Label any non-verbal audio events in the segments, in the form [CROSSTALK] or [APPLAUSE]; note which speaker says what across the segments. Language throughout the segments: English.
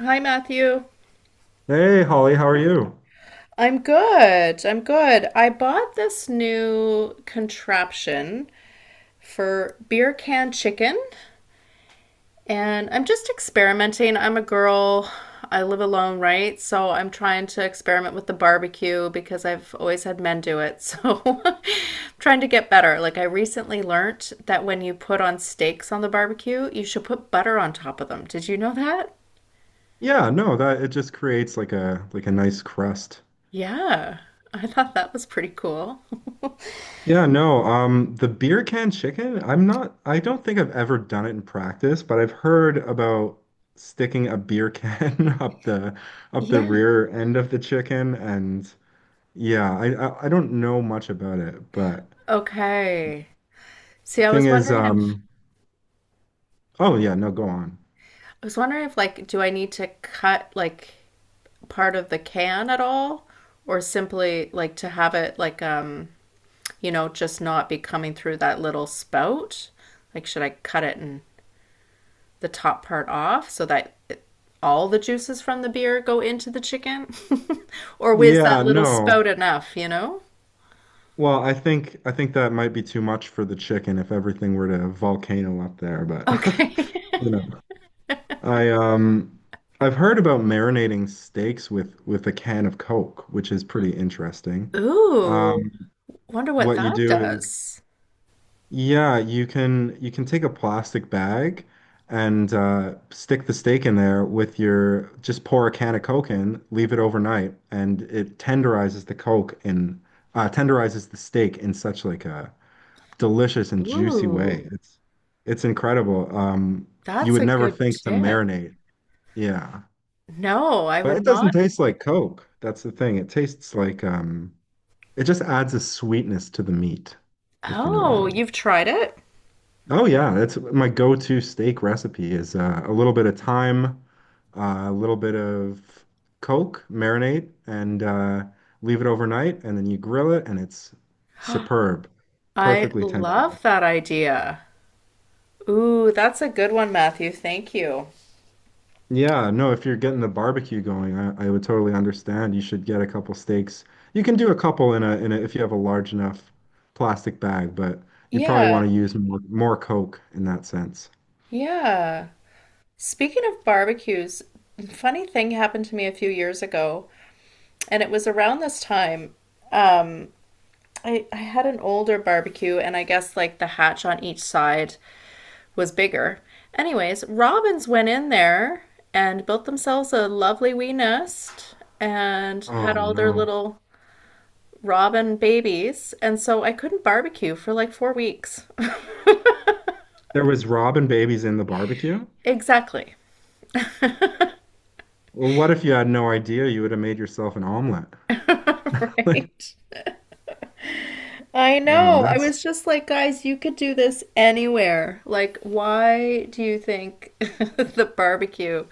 Speaker 1: Hi, Matthew.
Speaker 2: Hey Holly, how are you?
Speaker 1: I'm good. I bought this new contraption for beer can chicken, and I'm just experimenting. I'm a girl. I live alone, right? So I'm trying to experiment with the barbecue because I've always had men do it. So [LAUGHS] I'm trying to get better. Like I recently learnt that when you put on steaks on the barbecue, you should put butter on top of them. Did you know that?
Speaker 2: Yeah, no, that it just creates like a nice crust.
Speaker 1: Yeah. I thought that was pretty cool. [LAUGHS]
Speaker 2: Yeah, no, the beer can chicken, I don't think I've ever done it in practice, but I've heard about sticking a beer can [LAUGHS] up the
Speaker 1: Yeah.
Speaker 2: rear end of the chicken and yeah, I don't know much about it, but
Speaker 1: Okay. See, I
Speaker 2: thing
Speaker 1: was
Speaker 2: is
Speaker 1: wondering if
Speaker 2: um oh yeah, no, go on.
Speaker 1: I was wondering if like do I need to cut like part of the can at all or simply like to have it like just not be coming through that little spout? Like should I cut it and the top part off so that it, all the juices from the beer go into the chicken? [LAUGHS] Or is that
Speaker 2: Yeah,
Speaker 1: little
Speaker 2: no.
Speaker 1: spout enough,
Speaker 2: Well, I think that might be too much for the chicken if everything were to volcano up there, but
Speaker 1: Okay.
Speaker 2: [LAUGHS] you know. I um I've heard about marinating steaks with a can of Coke, which is pretty
Speaker 1: [LAUGHS]
Speaker 2: interesting.
Speaker 1: Ooh,
Speaker 2: Um,
Speaker 1: wonder what
Speaker 2: what you
Speaker 1: that
Speaker 2: do is
Speaker 1: does.
Speaker 2: yeah, you can take a plastic bag and stick the steak in there with your just pour a can of Coke in, leave it overnight, and it tenderizes the steak in such like a delicious and juicy way.
Speaker 1: Ooh,
Speaker 2: It's incredible. You
Speaker 1: that's
Speaker 2: would
Speaker 1: a
Speaker 2: never
Speaker 1: good
Speaker 2: think to
Speaker 1: tip.
Speaker 2: marinate. Yeah.
Speaker 1: No, I
Speaker 2: But it
Speaker 1: would
Speaker 2: doesn't
Speaker 1: not.
Speaker 2: taste like Coke. That's the thing. It tastes like it just adds a sweetness to the meat, if you know what I
Speaker 1: Oh,
Speaker 2: mean.
Speaker 1: you've tried it?
Speaker 2: Oh yeah, that's my go-to steak recipe is a little bit of thyme, a little bit of Coke, marinate, and leave it overnight, and then you grill it, and it's superb,
Speaker 1: I
Speaker 2: perfectly tender.
Speaker 1: love that idea. Ooh, that's a good one, Matthew. Thank you.
Speaker 2: Yeah, no, if you're getting the barbecue going, I would totally understand. You should get a couple steaks. You can do a couple in a if you have a large enough plastic bag, but you'd probably
Speaker 1: Yeah,
Speaker 2: want to use more Coke in that sense.
Speaker 1: yeah. Speaking of barbecues, funny thing happened to me a few years ago, and it was around this time. Um, I had an older barbecue, and I guess like the hatch on each side was bigger. Anyways, robins went in there and built themselves a lovely wee nest and
Speaker 2: Oh
Speaker 1: had all their
Speaker 2: no.
Speaker 1: little Robin babies, and so I couldn't barbecue for like 4 weeks. [LAUGHS]
Speaker 2: There was robin babies in the barbecue?
Speaker 1: Exactly.
Speaker 2: Well, what if you had no idea you would have made yourself an omelet?
Speaker 1: [LAUGHS]
Speaker 2: [LAUGHS] Like,
Speaker 1: Right. I
Speaker 2: oh,
Speaker 1: know. I
Speaker 2: that's
Speaker 1: was just like, guys, you could do this anywhere. Like, why do you think [LAUGHS] the barbecue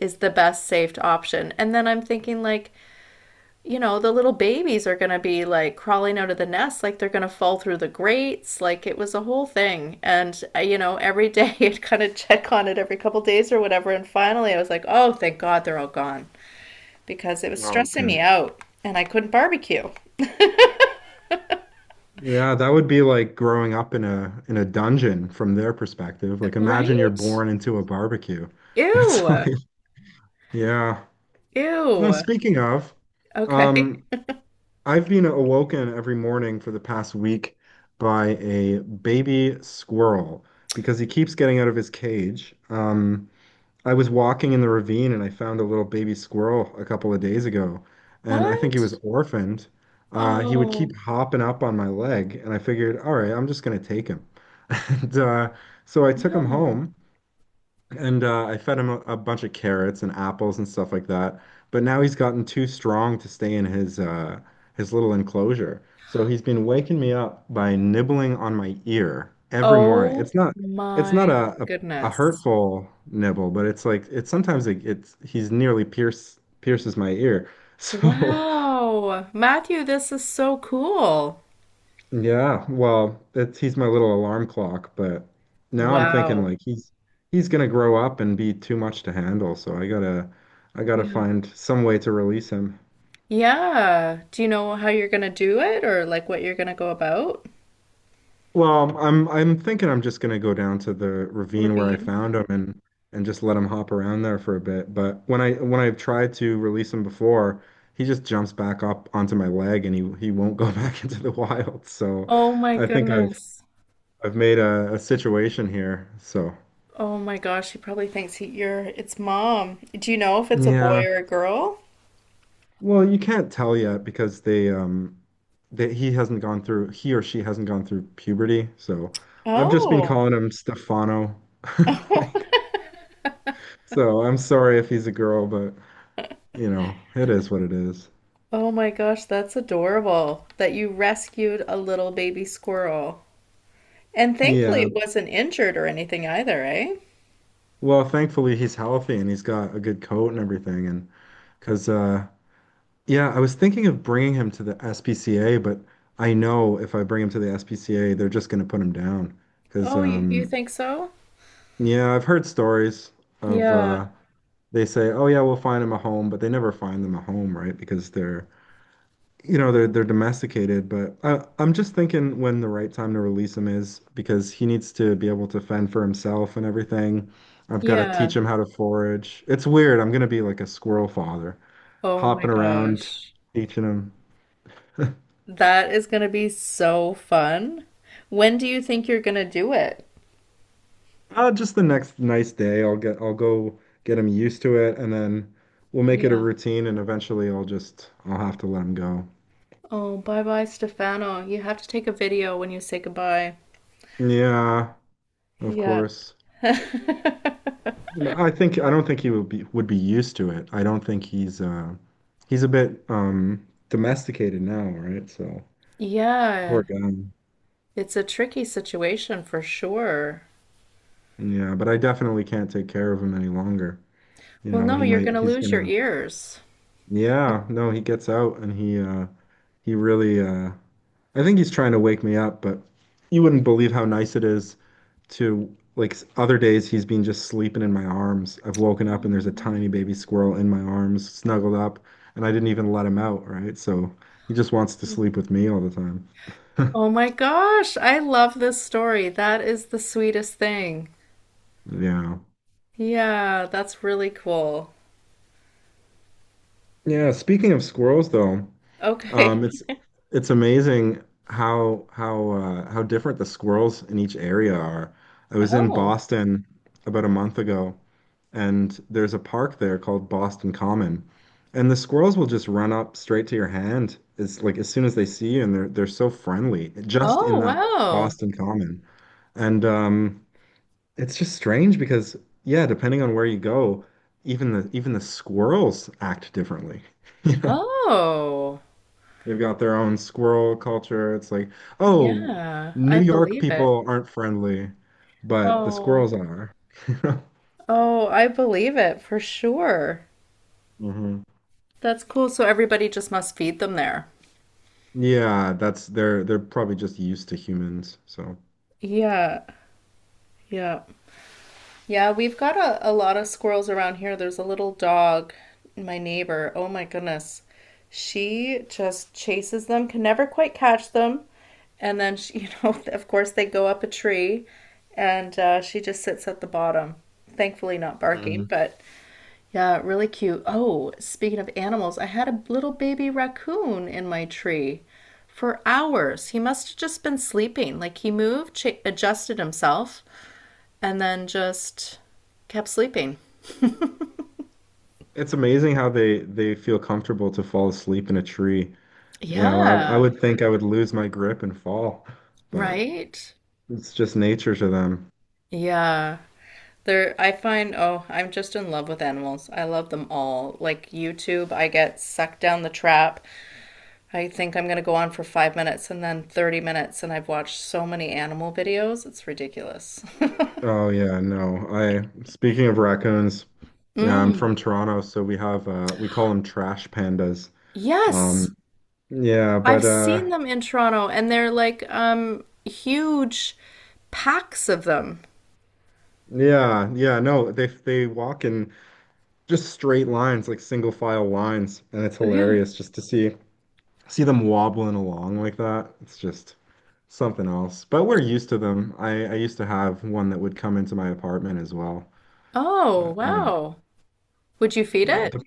Speaker 1: is the best saved option? And then I'm thinking, like, the little babies are going to be like crawling out of the nest, like they're going to fall through the grates. Like it was a whole thing. And, every [LAUGHS] day I'd kind of check on it every couple of days or whatever. And finally I was like, oh, thank God they're all gone because it was
Speaker 2: oh
Speaker 1: stressing me
Speaker 2: good.
Speaker 1: out and I couldn't barbecue.
Speaker 2: Yeah, that would be like growing up in a dungeon from their perspective. Like imagine you're
Speaker 1: Right?
Speaker 2: born into a barbecue. That's [LAUGHS]
Speaker 1: Ew.
Speaker 2: like yeah. Well,
Speaker 1: Ew.
Speaker 2: speaking of,
Speaker 1: Okay.
Speaker 2: um, I've been awoken every morning for the past week by a baby squirrel because he keeps getting out of his cage. I was walking in the ravine and I found a little baby squirrel a couple of days ago, and I think
Speaker 1: What?
Speaker 2: he was orphaned. He would
Speaker 1: Oh,
Speaker 2: keep hopping up on my leg, and I figured, all right, I'm just gonna take him. [LAUGHS] And so I took him
Speaker 1: no.
Speaker 2: home, and I fed him a bunch of carrots and apples and stuff like that. But now he's gotten too strong to stay in his little enclosure. So he's been waking me up by nibbling on my ear every morning.
Speaker 1: Oh
Speaker 2: It's not
Speaker 1: my
Speaker 2: a
Speaker 1: goodness.
Speaker 2: hurtful nibble, but it's like it's sometimes it, it's he's nearly pierces my ear. [LAUGHS] So
Speaker 1: Wow. Matthew, this is so cool.
Speaker 2: yeah, well, that's he's my little alarm clock, but now I'm thinking
Speaker 1: Wow.
Speaker 2: like he's gonna grow up and be too much to handle, so I gotta
Speaker 1: Yeah.
Speaker 2: find some way to release him.
Speaker 1: Yeah. Do you know how you're gonna do it or like what you're gonna go about?
Speaker 2: Well, I'm thinking I'm just gonna go down to the ravine where I
Speaker 1: Ravine.
Speaker 2: found him and just let him hop around there for a bit. But when I've tried to release him before, he just jumps back up onto my leg and he won't go [LAUGHS] back into the wild. So
Speaker 1: Oh my
Speaker 2: I think I've
Speaker 1: goodness.
Speaker 2: I've made a situation here. So
Speaker 1: Oh my gosh, he probably thinks he you're it's mom. Do you know if it's a boy
Speaker 2: yeah,
Speaker 1: or a girl?
Speaker 2: well, you can't tell yet because they that he hasn't gone through he or she hasn't gone through puberty. So I've just been
Speaker 1: Oh.
Speaker 2: calling him Stefano. [LAUGHS] Like
Speaker 1: [LAUGHS]
Speaker 2: so I'm sorry if he's a girl, but you know, it is what it is.
Speaker 1: Oh my gosh, that's adorable that you rescued a little baby squirrel. And thankfully
Speaker 2: Yeah.
Speaker 1: it wasn't injured or anything either, eh?
Speaker 2: Well, thankfully he's healthy and he's got a good coat and everything and cuz yeah, I was thinking of bringing him to the SPCA, but I know if I bring him to the SPCA, they're just going to put him down cuz
Speaker 1: Oh, you think so?
Speaker 2: yeah, I've heard stories of
Speaker 1: Yeah.
Speaker 2: they say, "Oh yeah, we'll find them a home," but they never find them a home, right? Because you know, they're domesticated. But I'm just thinking when the right time to release him is because he needs to be able to fend for himself and everything. I've got to teach
Speaker 1: Yeah.
Speaker 2: him how to forage. It's weird. I'm gonna be like a squirrel father,
Speaker 1: Oh my
Speaker 2: hopping around,
Speaker 1: gosh.
Speaker 2: teaching him.
Speaker 1: That is going to be so fun. When do you think you're going to do it?
Speaker 2: Just the next nice day, I'll go get him used to it, and then we'll make it a
Speaker 1: Yeah.
Speaker 2: routine, and eventually I'll have to let him go.
Speaker 1: Oh, bye bye, Stefano. You have to take a video when you say goodbye.
Speaker 2: Yeah, of
Speaker 1: Yeah.
Speaker 2: course.
Speaker 1: [LAUGHS]
Speaker 2: No, I think I don't think he would be used to it. I don't think he's a bit domesticated now, right? So
Speaker 1: Yeah,
Speaker 2: poor guy.
Speaker 1: it's a tricky situation for sure.
Speaker 2: Yeah, but I definitely can't take care of him any longer. You
Speaker 1: Well,
Speaker 2: know,
Speaker 1: no, you're going to
Speaker 2: he's
Speaker 1: lose your
Speaker 2: gonna
Speaker 1: ears.
Speaker 2: yeah, no, he gets out and he really I think he's trying to wake me up, but you wouldn't believe how nice it is to like other days he's been just sleeping in my arms. I've woken up and there's a
Speaker 1: Oh.
Speaker 2: tiny baby squirrel in my arms, snuggled up, and I didn't even let him out, right? So he just wants to sleep with me all the time. [LAUGHS]
Speaker 1: Oh my gosh, I love this story. That is the sweetest thing.
Speaker 2: Yeah.
Speaker 1: Yeah, that's really cool.
Speaker 2: Yeah, speaking of squirrels though,
Speaker 1: Okay.
Speaker 2: Um, it's it's amazing how how different the squirrels in each area are. I was in
Speaker 1: Oh,
Speaker 2: Boston about a month ago, and there's a park there called Boston Common, and the squirrels will just run up straight to your hand. It's like as soon as they see you, and they're so friendly just in
Speaker 1: oh,
Speaker 2: that
Speaker 1: wow.
Speaker 2: Boston Common. And it's just strange because yeah, depending on where you go, even the squirrels act differently. [LAUGHS] You know.
Speaker 1: Oh,
Speaker 2: They've got their own squirrel culture. It's like, oh,
Speaker 1: yeah,
Speaker 2: New
Speaker 1: I
Speaker 2: York
Speaker 1: believe it.
Speaker 2: people aren't friendly, but the
Speaker 1: Oh,
Speaker 2: squirrels are. [LAUGHS]
Speaker 1: oh, I believe it for sure.
Speaker 2: Hmm.
Speaker 1: That's cool. So everybody just must feed them there.
Speaker 2: Yeah, that's they're probably just used to humans. So
Speaker 1: Yeah, yeah. Yeah, we've got a lot of squirrels around here. There's a little dog, my neighbor. Oh my goodness. She just chases them, can never quite catch them. And then she, [LAUGHS] of course they go up a tree and she just sits at the bottom. Thankfully not barking,
Speaker 2: hmm,
Speaker 1: but yeah, really cute. Oh, speaking of animals, I had a little baby raccoon in my tree for hours. He must have just been sleeping. Like he moved, adjusted himself, and then just kept sleeping.
Speaker 2: it's amazing how they feel comfortable to fall asleep in a tree. You know, I
Speaker 1: Yeah,
Speaker 2: would think I would lose my grip and fall, but
Speaker 1: right?
Speaker 2: it's just nature to them.
Speaker 1: Yeah. There, I find, oh, I'm just in love with animals. I love them all. Like YouTube, I get sucked down the trap. I think I'm gonna go on for 5 minutes and then 30 minutes, and I've watched so many animal videos. It's ridiculous. [LAUGHS]
Speaker 2: Oh yeah, no. I Speaking of raccoons, yeah, I'm
Speaker 1: Mm.
Speaker 2: from Toronto, so we have we call them trash pandas.
Speaker 1: Yes.
Speaker 2: Um, yeah,
Speaker 1: I've
Speaker 2: but
Speaker 1: seen them in Toronto and they're like huge packs of them.
Speaker 2: yeah, no, they walk in just straight lines, like single file lines, and it's
Speaker 1: Yeah.
Speaker 2: hilarious just to see them wobbling along like that. It's just something else. But we're used to them. I used to have one that would come into my apartment as well.
Speaker 1: Oh,
Speaker 2: But you know,
Speaker 1: wow. Would you feed
Speaker 2: yeah.
Speaker 1: it?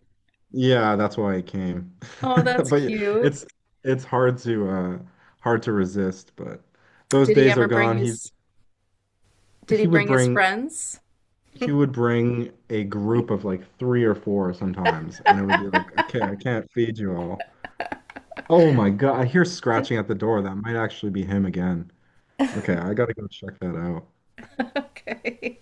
Speaker 2: Yeah, that's why it came.
Speaker 1: Oh,
Speaker 2: [LAUGHS]
Speaker 1: that's
Speaker 2: But
Speaker 1: cute.
Speaker 2: it's it's hard to resist, but those
Speaker 1: Did he
Speaker 2: days are
Speaker 1: ever bring
Speaker 2: gone.
Speaker 1: his did he
Speaker 2: He would
Speaker 1: bring his
Speaker 2: bring
Speaker 1: friends?
Speaker 2: a group of like three or four sometimes, and it would be like, okay, I can't feed you all. Oh my God, I hear scratching at the door. That might actually be him again. Okay, I gotta go check that out.
Speaker 1: [LAUGHS] Okay.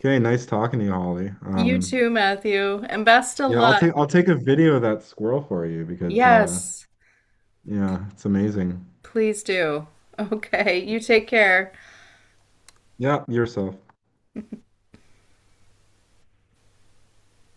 Speaker 2: Okay, nice talking to you, Holly.
Speaker 1: You too, Matthew, and best of
Speaker 2: Yeah,
Speaker 1: luck.
Speaker 2: I'll take a video of that squirrel for you because
Speaker 1: Yes,
Speaker 2: yeah, it's amazing.
Speaker 1: please do. Okay, you take care.
Speaker 2: Yeah, yourself.